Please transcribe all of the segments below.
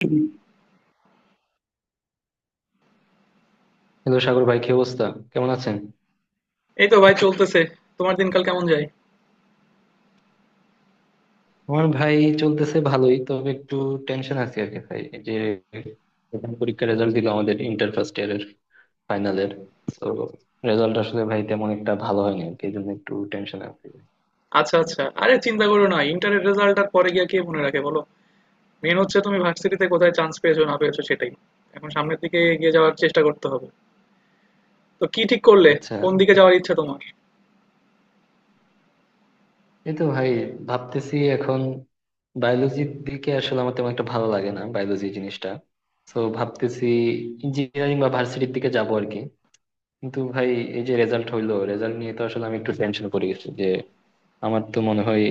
Hello. Sagar ভাই, কি অবস্থা? কেমন আছেন? এই তো ভাই চলতেছে। তোমার দিনকাল কেমন যায়? আমার ভাই চলতেছে ভালোই, তবে একটু টেনশন আছে আর কি ভাই। এই যে প্রথম পরীক্ষার রেজাল্ট দিল আমাদের ইন্টার ফার্স্ট ইয়ারের ফাইনালের, তো রেজাল্ট আসলে ভাই তেমন একটা ভালো হয়নি আর কি, এই জন্য একটু টেনশন আছে। আচ্ছা আচ্ছা, আরে চিন্তা করো না, ইন্টারের রেজাল্ট আর পরে গিয়ে কে মনে রাখে বলো। মেন হচ্ছে তুমি ভার্সিটিতে কোথায় চান্স পেয়েছো না পেয়েছো সেটাই। এখন সামনের দিকে এগিয়ে যাওয়ার চেষ্টা করতে হবে। তো কি ঠিক করলে, আচ্ছা, কোন দিকে যাওয়ার ইচ্ছা তোমার? এই তো ভাই ভাবতেছি এখন বায়োলজির দিকে, আসলে আমার তেমন একটা ভালো লাগে না বায়োলজি জিনিসটা। তো ভাবতেছি ইঞ্জিনিয়ারিং বা ভার্সিটির দিকে যাবো আর কি। কিন্তু ভাই, এই যে রেজাল্ট হইলো, রেজাল্ট নিয়ে তো আসলে আমি একটু টেনশন করে গেছি যে আমার তো মনে হয়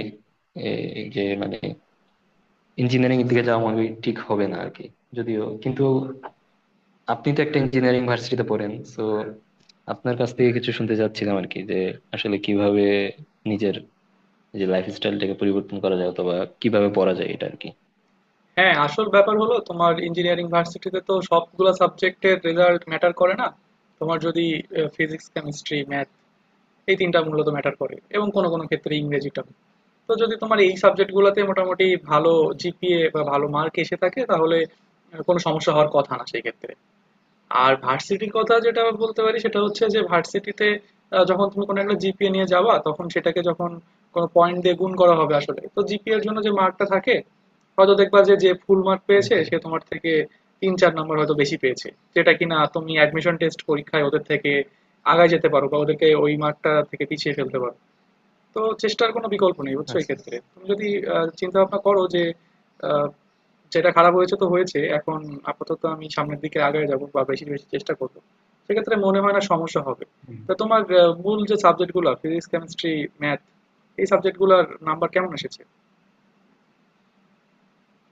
এই যে মানে ইঞ্জিনিয়ারিং এর দিকে যাওয়া মনে হয় ঠিক হবে না আর কি। যদিও কিন্তু আপনি তো একটা ইঞ্জিনিয়ারিং ভার্সিটিতে পড়েন, তো আপনার কাছ থেকে কিছু শুনতে চাচ্ছিলাম আর কি যে আসলে কিভাবে নিজের যে লাইফ স্টাইলটাকে পরিবর্তন করা যায়, অথবা কিভাবে পড়া যায় এটা আর কি। হ্যাঁ, আসল ব্যাপার হলো তোমার ইঞ্জিনিয়ারিং ভার্সিটিতে তো সবগুলা সাবজেক্টের রেজাল্ট ম্যাটার করে না। তোমার যদি ফিজিক্স কেমিস্ট্রি ম্যাথ এই তিনটা মূলত ম্যাটার করে, এবং কোনো কোনো ক্ষেত্রে ইংরেজিটাও। তো যদি তোমার এই সাবজেক্টগুলোতে মোটামুটি ভালো জিপিএ বা ভালো মার্ক এসে থাকে তাহলে কোনো সমস্যা হওয়ার কথা না সেই ক্ষেত্রে। আর ভার্সিটির কথা যেটা বলতে পারি সেটা হচ্ছে যে ভার্সিটিতে যখন তুমি কোনো একটা জিপিএ নিয়ে যাবা তখন সেটাকে যখন কোনো পয়েন্ট দিয়ে গুণ করা হবে, আসলে তো জিপিএ এর জন্য যে মার্কটা থাকে, হয়তো দেখবা যে যে ফুল মার্ক হুম, পেয়েছে হুম। সে তোমার থেকে 3-4 নম্বর হয়তো বেশি পেয়েছে, যেটা কিনা তুমি অ্যাডমিশন টেস্ট পরীক্ষায় ওদের থেকে আগায় যেতে পারো বা ওদেরকে ওই মার্কটা থেকে পিছিয়ে ফেলতে পারো। তো চেষ্টার কোনো বিকল্প নেই, বুঝছো, এই আচ্ছা। ক্ষেত্রে তুমি যদি চিন্তা ভাবনা করো যে আহ, যেটা খারাপ হয়েছে তো হয়েছে। এখন আপাতত আমি সামনের দিকে আগায় যাবো বা বেশি বেশি চেষ্টা করবো। সেক্ষেত্রে মনে হয় না সমস্যা হবে। তা তোমার মূল যে সাবজেক্ট গুলা, ফিজিক্স, কেমিস্ট্রি, ম্যাথ, এই সাবজেক্ট গুলার নাম্বার কেমন এসেছে?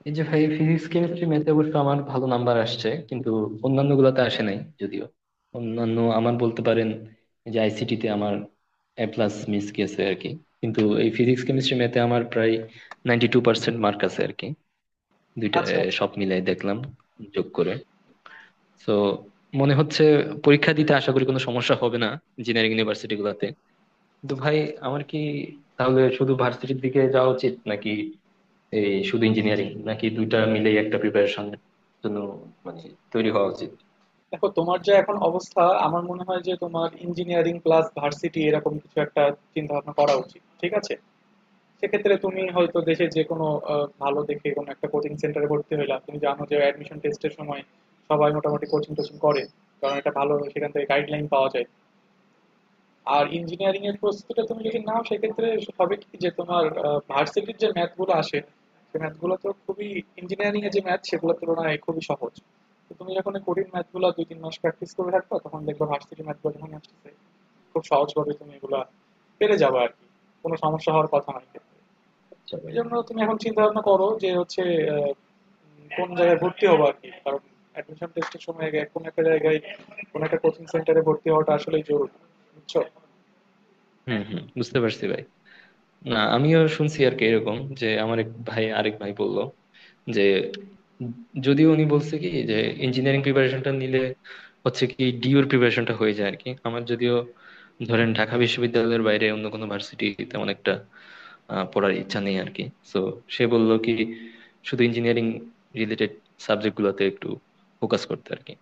এই যে ভাই, ফিজিক্স কেমিস্ট্রি ম্যাথে অবশ্য আমার ভালো নাম্বার আসছে, কিন্তু অন্যান্য গুলাতে আসে নাই। যদিও অন্যান্য আমার বলতে পারেন যে আইসিটি তে আমার এ প্লাস মিস গেছে আর কি। কিন্তু এই ফিজিক্স কেমিস্ট্রি ম্যাথে আমার প্রায় 92% মার্ক আছে আর কি, দুইটা আচ্ছা, এ, আচ্ছা। সব মিলাই দেখলাম যোগ করে। তো মনে হচ্ছে পরীক্ষা দিতে আশা করি কোনো সমস্যা হবে না ইঞ্জিনিয়ারিং ইউনিভার্সিটি গুলাতে। কিন্তু ভাই, আমার কি তাহলে শুধু ভার্সিটির দিকে যাওয়া উচিত, নাকি এই শুধু ইঞ্জিনিয়ারিং, নাকি দুইটা মিলেই একটা প্রিপারেশন জন্য মানে তৈরি হওয়া উচিত? দেখো, তোমার যা এখন অবস্থা আমার মনে হয় যে তোমার ইঞ্জিনিয়ারিং প্লাস ভার্সিটি এরকম কিছু একটা চিন্তা ভাবনা করা উচিত। ঠিক আছে? সেক্ষেত্রে তুমি হয়তো দেশের যে কোনো আ ভালো দেখে কোনো একটা কোচিং সেন্টারে ভর্তি হইলা। তুমি জানো যে অ্যাডমিশন টেস্টের সময় সবাই মোটামুটি কোচিং-টোচিং করে। কারণ একটা ভালো সেখান থেকে গাইডলাইন পাওয়া যায়। আর ইঞ্জিনিয়ারিং এর প্রস্তুতিটা তুমি যদি নাও সেক্ষেত্রে হবে কি যে তোমার ভার্সিটির যে ম্যাথ গুলো আসে, সেই ম্যাথ গুলো তো খুবই ইঞ্জিনিয়ারিং এর যে ম্যাথ সেগুলোর তুলনায় খুবই সহজ। তো তুমি যখন এই কঠিন ম্যাথ গুলা ২-৩ মাস প্র্যাকটিস করে রাখবা তখন দেখবা ভার্সিটির ম্যাথ গুলো যখন আসতেছে খুব সহজভাবে তুমি এগুলা পেরে যাবা আরকি। কোনো সমস্যা হওয়ার কথা না এক্ষেত্রে। সবার? এই জন্য তুমি এখন চিন্তা ভাবনা আচ্ছা। করো যে হচ্ছে আহ, কোন জায়গায় ভর্তি হবো আর কি, কারণ অ্যাডমিশন টেস্টের সময় আগে কোনো একটা জায়গায় কোনো একটা কোচিং সেন্টারে ভর্তি হওয়াটা আসলেই জরুরি, বুঝছো। হুম হুম বুঝতে পারছি ভাই। না, আমিও শুনছি আর কি এরকম, যে আমার এক ভাই, আরেক ভাই বলল যে, যদিও উনি বলছে কি যে ইঞ্জিনিয়ারিং প্রিপারেশনটা নিলে হচ্ছে কি ডিউর প্রিপারেশনটা হয়ে যায় আর কি। আমার যদিও ধরেন ঢাকা বিশ্ববিদ্যালয়ের বাইরে অন্য কোনো ভার্সিটি তেমন একটা পড়ার ইচ্ছা নেই আর কি। তো সে বলল কি শুধু ইঞ্জিনিয়ারিং রিলেটেড সাবজেক্ট গুলোতে একটু ফোকাস করতে আর কি।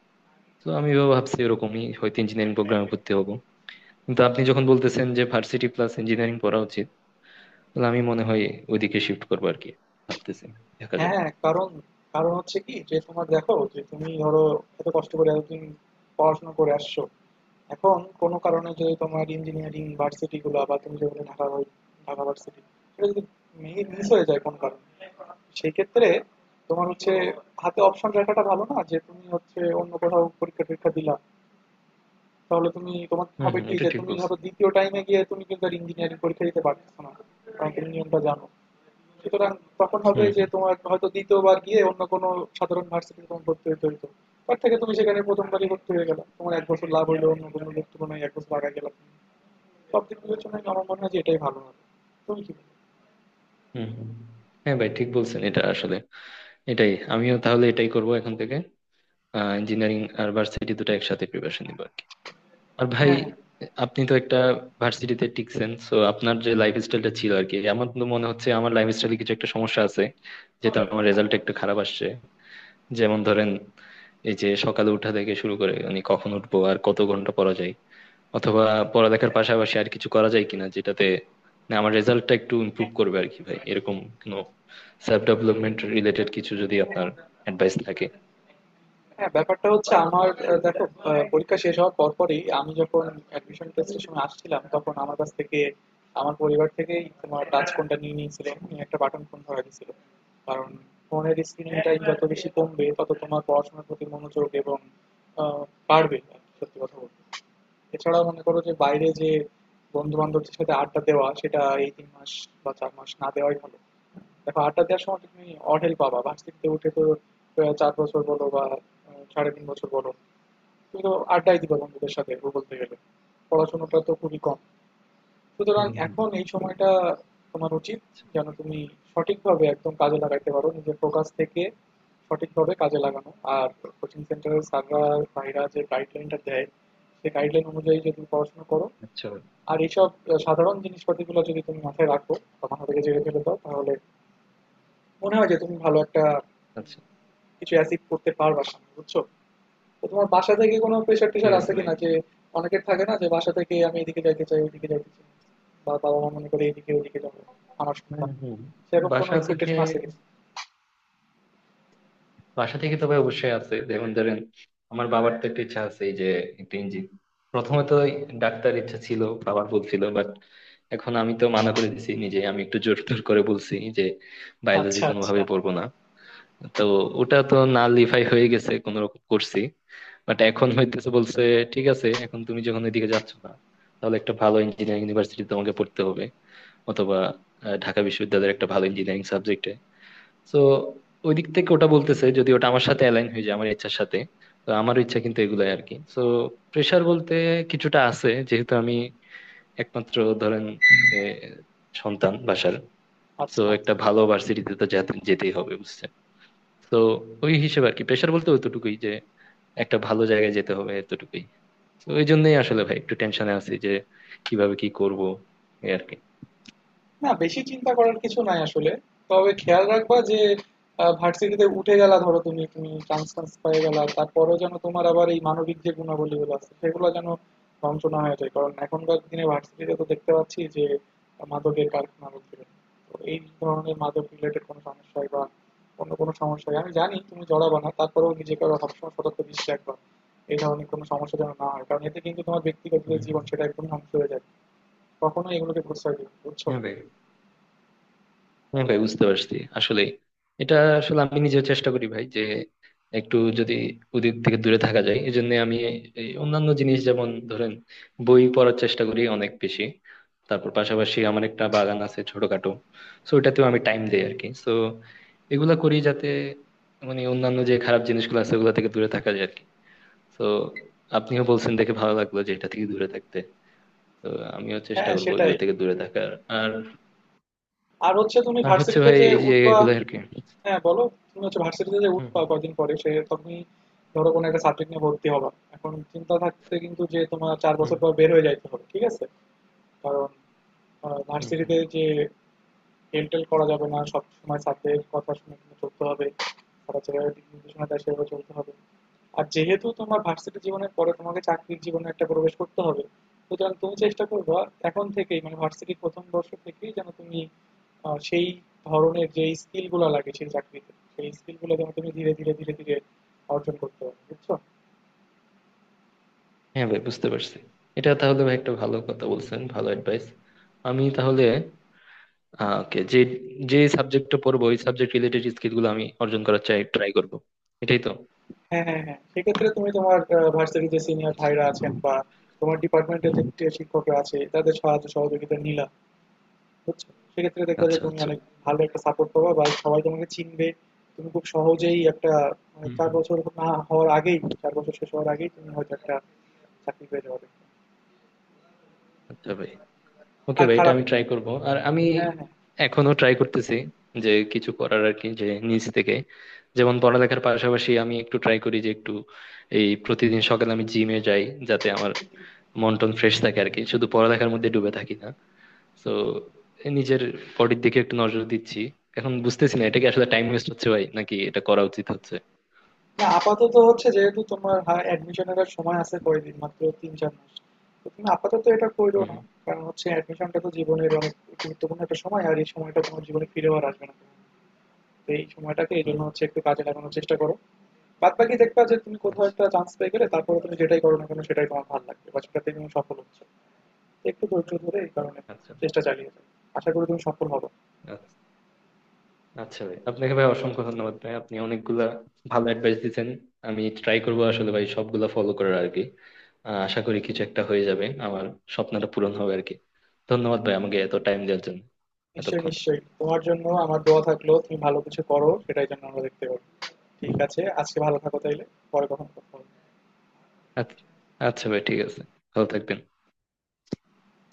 তো আমি ভাবছি এরকমই, হয়তো ইঞ্জিনিয়ারিং প্রোগ্রামে ভর্তি হবো। কিন্তু আপনি যখন বলতেছেন যে ভার্সিটি প্লাস ইঞ্জিনিয়ারিং পড়া উচিত, তাহলে আমি মনে হয় ওইদিকে শিফট করবো আর কি, ভাবতেছি, দেখা যাক। হ্যাঁ, কারণ, কারণ হচ্ছে কি যে তোমার দেখো যে তুমি ধরো এত কষ্ট করে এতদিন পড়াশোনা করে আসছো, এখন কোনো কারণে যদি তোমার ইঞ্জিনিয়ারিং ভার্সিটি গুলো বা তুমি যেগুলো ঢাকা ভার্সিটি, সেটা যদি মিস হয়ে যায় কোনো কারণে, সেই ক্ষেত্রে তোমার হচ্ছে হাতে অপশন রাখাটা ভালো না যে তুমি হচ্ছে অন্য কোথাও পরীক্ষা টরীক্ষা দিলা। তাহলে তুমি তোমার হম হবে হম কি এটা যে ঠিক তুমি বলছেন। ধরো দ্বিতীয় টাইমে গিয়ে তুমি কিন্তু আর ইঞ্জিনিয়ারিং পরীক্ষা দিতে পারতেছো না, কারণ তুমি নিয়মটা জানো। সুতরাং তখন হবে হুম যে হুম তোমার হয়তো দ্বিতীয়বার গিয়ে অন্য কোনো সাধারণ ভার্সিটিতে তোমার ভর্তি হতে হইতো। তার থেকে তুমি সেখানে প্রথমবারই ভর্তি হয়ে গেলা, তোমার 1 বছর লাভ হলো, অন্য কোনো লোক তুলনায় 1 বছর লাগা গেল। সব দিক বিবেচনায় আমার মনে হয় যে এটাই ভালো হবে। তুমি কি বলো? হুম হুম। হ্যাঁ ভাই, ঠিক বলছেন, এটা আসলে এটাই। আমিও তাহলে এটাই করব এখন থেকে, ইঞ্জিনিয়ারিং আর ভার্সিটি দুটো একসাথে প্রিপারেশন নিবো আর কি। আর ভাই, হ্যাঁ আপনি তো একটা ভার্সিটিতে টিকছেন, সো আপনার যে লাইফ স্টাইলটা ছিল আর কি, আমার তো মনে হচ্ছে আমার লাইফ স্টাইলে কিছু একটা সমস্যা আছে, যেটা আমার রেজাল্ট একটু খারাপ আসছে। যেমন ধরেন এই যে সকালে উঠা থেকে শুরু করে মানে কখন উঠবো আর কত ঘন্টা পড়া যায়, অথবা পড়ালেখার পাশাপাশি আর কিছু করা যায় কিনা, যেটাতে না আমার রেজাল্টটা একটু ইমপ্রুভ করবে আর কি ভাই, এরকম কোনো সেলফ ডেভেলপমেন্ট রিলেটেড কিছু যদি আপনার অ্যাডভাইস থাকে। হ্যাঁ, ব্যাপারটা হচ্ছে আমার, দেখো, পরীক্ষা শেষ হওয়ার পরপরই আমি যখন অ্যাডমিশন টেস্টের সময় আসছিলাম তখন আমার কাছ থেকে, আমার পরিবার থেকেই তোমার টাচ ফোনটা নিয়ে নিয়েছিল, নিয়ে একটা বাটন ফোন ধরা দিয়েছিল। কারণ ফোনের স্ক্রিন টাইম যত বেশি কমবে তত তোমার পড়াশোনার প্রতি মনোযোগ এবং আহ, বাড়বে আর কি, সত্যি কথা বলতে। এছাড়াও মনে করো যে বাইরে যে বন্ধু-বান্ধবদের সাথে আড্ডা দেওয়া সেটা এই 3 মাস বা 4 মাস না দেওয়াই ভালো। দেখো, আড্ডা দেওয়ার সময় তুমি অঢেল পাবা। ভার্সিটিতে উঠে তো 4 বছর বলো বা সাড়ে 3 বছর বলো, তুমি তো আড্ডাই দিবা বন্ধুদের সাথে বলতে গেলে। পড়াশোনাটা তো খুবই কম। সুতরাং হুম, হুম। এখন এই সময়টা তোমার উচিত যেন তুমি সঠিকভাবে একদম কাজে লাগাইতে পারো, নিজের ফোকাস থেকে সঠিকভাবে কাজে লাগানো। আর কোচিং সেন্টারের স্যাররা, ভাইরা যে গাইডলাইনটা দেয় সেই গাইডলাইন অনুযায়ী যদি পড়াশোনা করো আচ্ছা আর এইসব সাধারণ জিনিসপাতিগুলো যদি তুমি মাথায় রাখো বা মাথা থেকে জেনে ফেলে দাও, তাহলে মনে হয় যে তুমি ভালো একটা আচ্ছা। কিছু অ্যাচিভ করতে পারবা সামনে, বুঝছো। তো তোমার বাসা থেকে কোনো প্রেশার ঠিক টেশার আছে আছে ভাই। কিনা, যে অনেকের থাকে না, যে বাসা থেকে আমি এদিকে যাইতে চাই ওইদিকে যাইতে চাই, বা বাবা মা মনে করে এদিকে ওইদিকে যাবো আমার হুম, সন্তান, হুম। সেরকম কোনো বাসা থেকে, এক্সপেকটেশন আছে কিনা? বাসা থেকে তো ভাই অবশ্যই আছে। যেমন ধরেন আমার বাবার তো একটা ইচ্ছা আছে, এই যে একটা ইঞ্জিন, প্রথমে তো ডাক্তার ইচ্ছা ছিল বাবার, বলছিল, বাট এখন আমি তো মানা করে দিছি নিজে, আমি একটু জোর টোর করে বলছি যে বায়োলজি আচ্ছা কোনোভাবে আচ্ছা। পড়বো না। তো ওটা তো না লিফাই হয়ে গেছে কোনো রকম করছি। বাট এখন হইতেছে বলছে ঠিক আছে, এখন তুমি যখন ওইদিকে যাচ্ছ না, তাহলে একটা ভালো ইঞ্জিনিয়ারিং ইউনিভার্সিটি তোমাকে পড়তে হবে, অথবা ঢাকা বিশ্ববিদ্যালয়ের একটা ভালো ইঞ্জিনিয়ারিং সাবজেক্টে। তো ওই দিক থেকে ওটা বলতেছে, যদি ওটা আমার সাথে অ্যালাইন হয়ে যায় আমার ইচ্ছার সাথে, তো আমার ইচ্ছা কিন্তু এগুলাই আর কি। তো প্রেসার বলতে কিছুটা আছে, যেহেতু আমি একমাত্র ধরেন এ, সন্তান বাসার, তো আচ্ছা আচ্ছা, একটা ভালো ভার্সিটিতে তো যেতে যেতেই হবে বুঝছেন। তো ওই হিসেবে আর কি, প্রেসার বলতে ওইটুকুই, যে একটা ভালো জায়গায় যেতে হবে এতটুকুই। তো ওই জন্যই আসলে ভাই একটু টেনশনে আছি যে কিভাবে কি করব, এই আর কি। না, বেশি চিন্তা করার কিছু নাই আসলে। তবে খেয়াল রাখবা যে ভার্সিটিতে উঠে গেলা, ধরো তুমি তুমি চান্স টান্স পেয়ে গেলা, তারপরেও যেন তোমার আবার এই মানবিক যে গুণাবলীগুলো আছে সেগুলো যেন ধ্বংস না হয়ে যায়। কারণ এখনকার দিনে ভার্সিটিতে তো দেখতে পাচ্ছি যে মাদকের কারখানা হচ্ছে। তো এই ধরনের মাদক রিলেটেড কোনো সমস্যায় বা অন্য কোনো সমস্যায় আমি জানি তুমি জড়াবা না, তারপরেও নিজেকে আরো সবসময় সতর্ক দৃষ্টি রাখবা এই ধরনের কোনো সমস্যা যেন না হয়। কারণ এতে কিন্তু তোমার ব্যক্তিগত যে হুম। জীবন সেটা একদম ধ্বংস হয়ে যায়। কখনোই এগুলোকে প্রশ্রয় দিবে না, বুঝছো। হ্যাঁ ভাই, হ্যাঁ ভাই বুঝতে পারছি। আসলে এটা, আসলে আমি নিজেও চেষ্টা করি ভাই যে একটু যদি ওদের থেকে দূরে থাকা যায়, এই জন্য আমি এই অন্যান্য জিনিস, যেমন ধরেন বই পড়ার চেষ্টা করি অনেক বেশি। তারপর পাশাপাশি আমার একটা বাগান আছে ছোটখাটো, সো ওটাতেও আমি টাইম দেই আর কি। সো এগুলা করি যাতে মানে অন্যান্য যে খারাপ জিনিসগুলো আছে ওগুলা থেকে দূরে থাকা যায় আর কি। তো আপনিও বলছেন দেখে ভালো লাগলো, যে এটা থেকে দূরে থাকতে, তো আমিও চেষ্টা হ্যাঁ, করবো সেটাই। এগুলা থেকে দূরে থাকার। আর, আর হচ্ছে তুমি আর হচ্ছে ভার্সিটিতে ভাই যে এই যে উঠবা, এগুলো আর কি। হ্যাঁ, বলো? তুমি হচ্ছে ভার্সিটিতে যে উঠবা হম। কয়দিন পরে, সে তুমি ধরো কোনো একটা সাবজেক্ট নিয়ে ভর্তি হবা। এখন চিন্তা থাকতে কিন্তু যে তোমার ৪ হুম বছর পর বের হয়ে যাইতে হবে। ঠিক আছে? কারণ হুম হুম ভার্সিটিতে যে হেলটেল করা যাবে না, সবসময় স্যারদের কথা শুনে কিন্তু চলতে হবে, স্যাররা যেভাবে দিক নির্দেশনা দেয় সেভাবে চলতে হবে। আর যেহেতু তোমার ভার্সিটি জীবনের পরে তোমাকে চাকরির জীবনে একটা প্রবেশ করতে হবে, সুতরাং তুমি চেষ্টা করবা এখন থেকেই, মানে ভার্সিটির প্রথম বর্ষ থেকেই যেন তুমি সেই ধরনের যে স্কিলগুলো লাগে সেই চাকরিতে, সেই স্কিলগুলো যেন তুমি ধীরে ধীরে ধীরে ধীরে অর্জন করতে পারো, বুঝছো। হ্যাঁ ভাই বুঝতে পারছি। এটা তাহলে ভাই একটা ভালো কথা বলছেন, ভালো অ্যাডভাইস। আমি তাহলে ওকে, যে যে সাবজেক্টটা পড়বো ওই সাবজেক্ট রিলেটেড স্কিল গুলো আমি অর্জন করার চাই, ট্রাই করব এটাই তো। হ্যাঁ হ্যাঁ হ্যাঁ, সেক্ষেত্রে তুমি তোমার ভার্সিটির যে সিনিয়র আচ্ছা ভাইরা আছেন বা তোমার ডিপার্টমেন্টের যে শিক্ষকরা আছে তাদের সাহায্য সহযোগিতা নিলা, বুঝছো, সেক্ষেত্রে দেখবা যে আচ্ছা তুমি আচ্ছা। অনেক ভালো একটা সাপোর্ট পাবা বা সবাই তোমাকে চিনবে, তুমি খুব সহজেই একটা মানে হুম চার হুম। বছর না হওয়ার আগেই, 4 বছর শেষ হওয়ার আগেই তুমি হয়তো একটা চাকরি পেয়ে যাবে। আচ্ছা ভাই, ওকে আর ভাই, এটা খারাপ, আমি ট্রাই করব। আর আমি হ্যাঁ হ্যাঁ, এখনো ট্রাই করতেছি যে কিছু করার আর কি, যে নিজ থেকে। যেমন পড়ালেখার পাশাপাশি আমি একটু ট্রাই করি যে একটু এই প্রতিদিন সকালে আমি জিমে যাই, যাতে আমার মন টন ফ্রেশ থাকে আর কি, শুধু পড়ালেখার মধ্যে ডুবে থাকি না। তো নিজের বডির দিকে একটু নজর দিচ্ছি। এখন বুঝতেছি না এটা কি আসলে টাইম ওয়েস্ট হচ্ছে ভাই, নাকি এটা করা উচিত হচ্ছে। না, আপাতত হচ্ছে যেহেতু তোমার অ্যাডমিশনের সময় আছে কয়দিন, মাত্র 3-4 মাস, তো তুমি আপাতত এটা করো হুম না। কারণ হচ্ছে অ্যাডমিশনটা তো জীবনের অনেক গুরুত্বপূর্ণ একটা সময় আর এই সময়টা তোমার জীবনে ফিরে আর আসবে না। তো এই সময়টাকে এই হুম জন্য হুম। হচ্ছে একটু কাজে লাগানোর চেষ্টা করো। বাদবাকি দেখবা যে তুমি কোথাও আচ্ছা একটা চান্স পেয়ে গেলে তারপরে তুমি যেটাই করো না কেন সেটাই তোমার ভালো লাগবে বা সেটাতে তুমি সফল হচ্ছে। একটু ধৈর্য ধরে এই কারণে আচ্ছা চেষ্টা চালিয়ে যাও, আশা করি তুমি সফল হবে। আচ্ছা। আচ্ছা ভাই, আপনাকে ভাই অসংখ্য ধন্যবাদ ভাই, আপনি অনেকগুলা ভালো অ্যাডভাইস দিচ্ছেন। আমি ট্রাই করবো আসলে ভাই সবগুলা ফলো করার আর কি। আশা করি কিছু একটা হয়ে যাবে, আমার স্বপ্নটা পূরণ হবে আর কি। ধন্যবাদ ভাই আমাকে এত টাইম দেওয়ার জন্য নিশ্চয়ই এতক্ষণ। নিশ্চয়ই, তোমার জন্য আমার দোয়া থাকলো, তুমি ভালো কিছু করো সেটাই জন্য আমরা দেখতে পাবো। ঠিক আছে, আজকে ভালো থাকো তাইলে, পরে কখন কথা হবে। আচ্ছা। আচ্ছা ভাই ঠিক আছে, ভালো থাকবেন।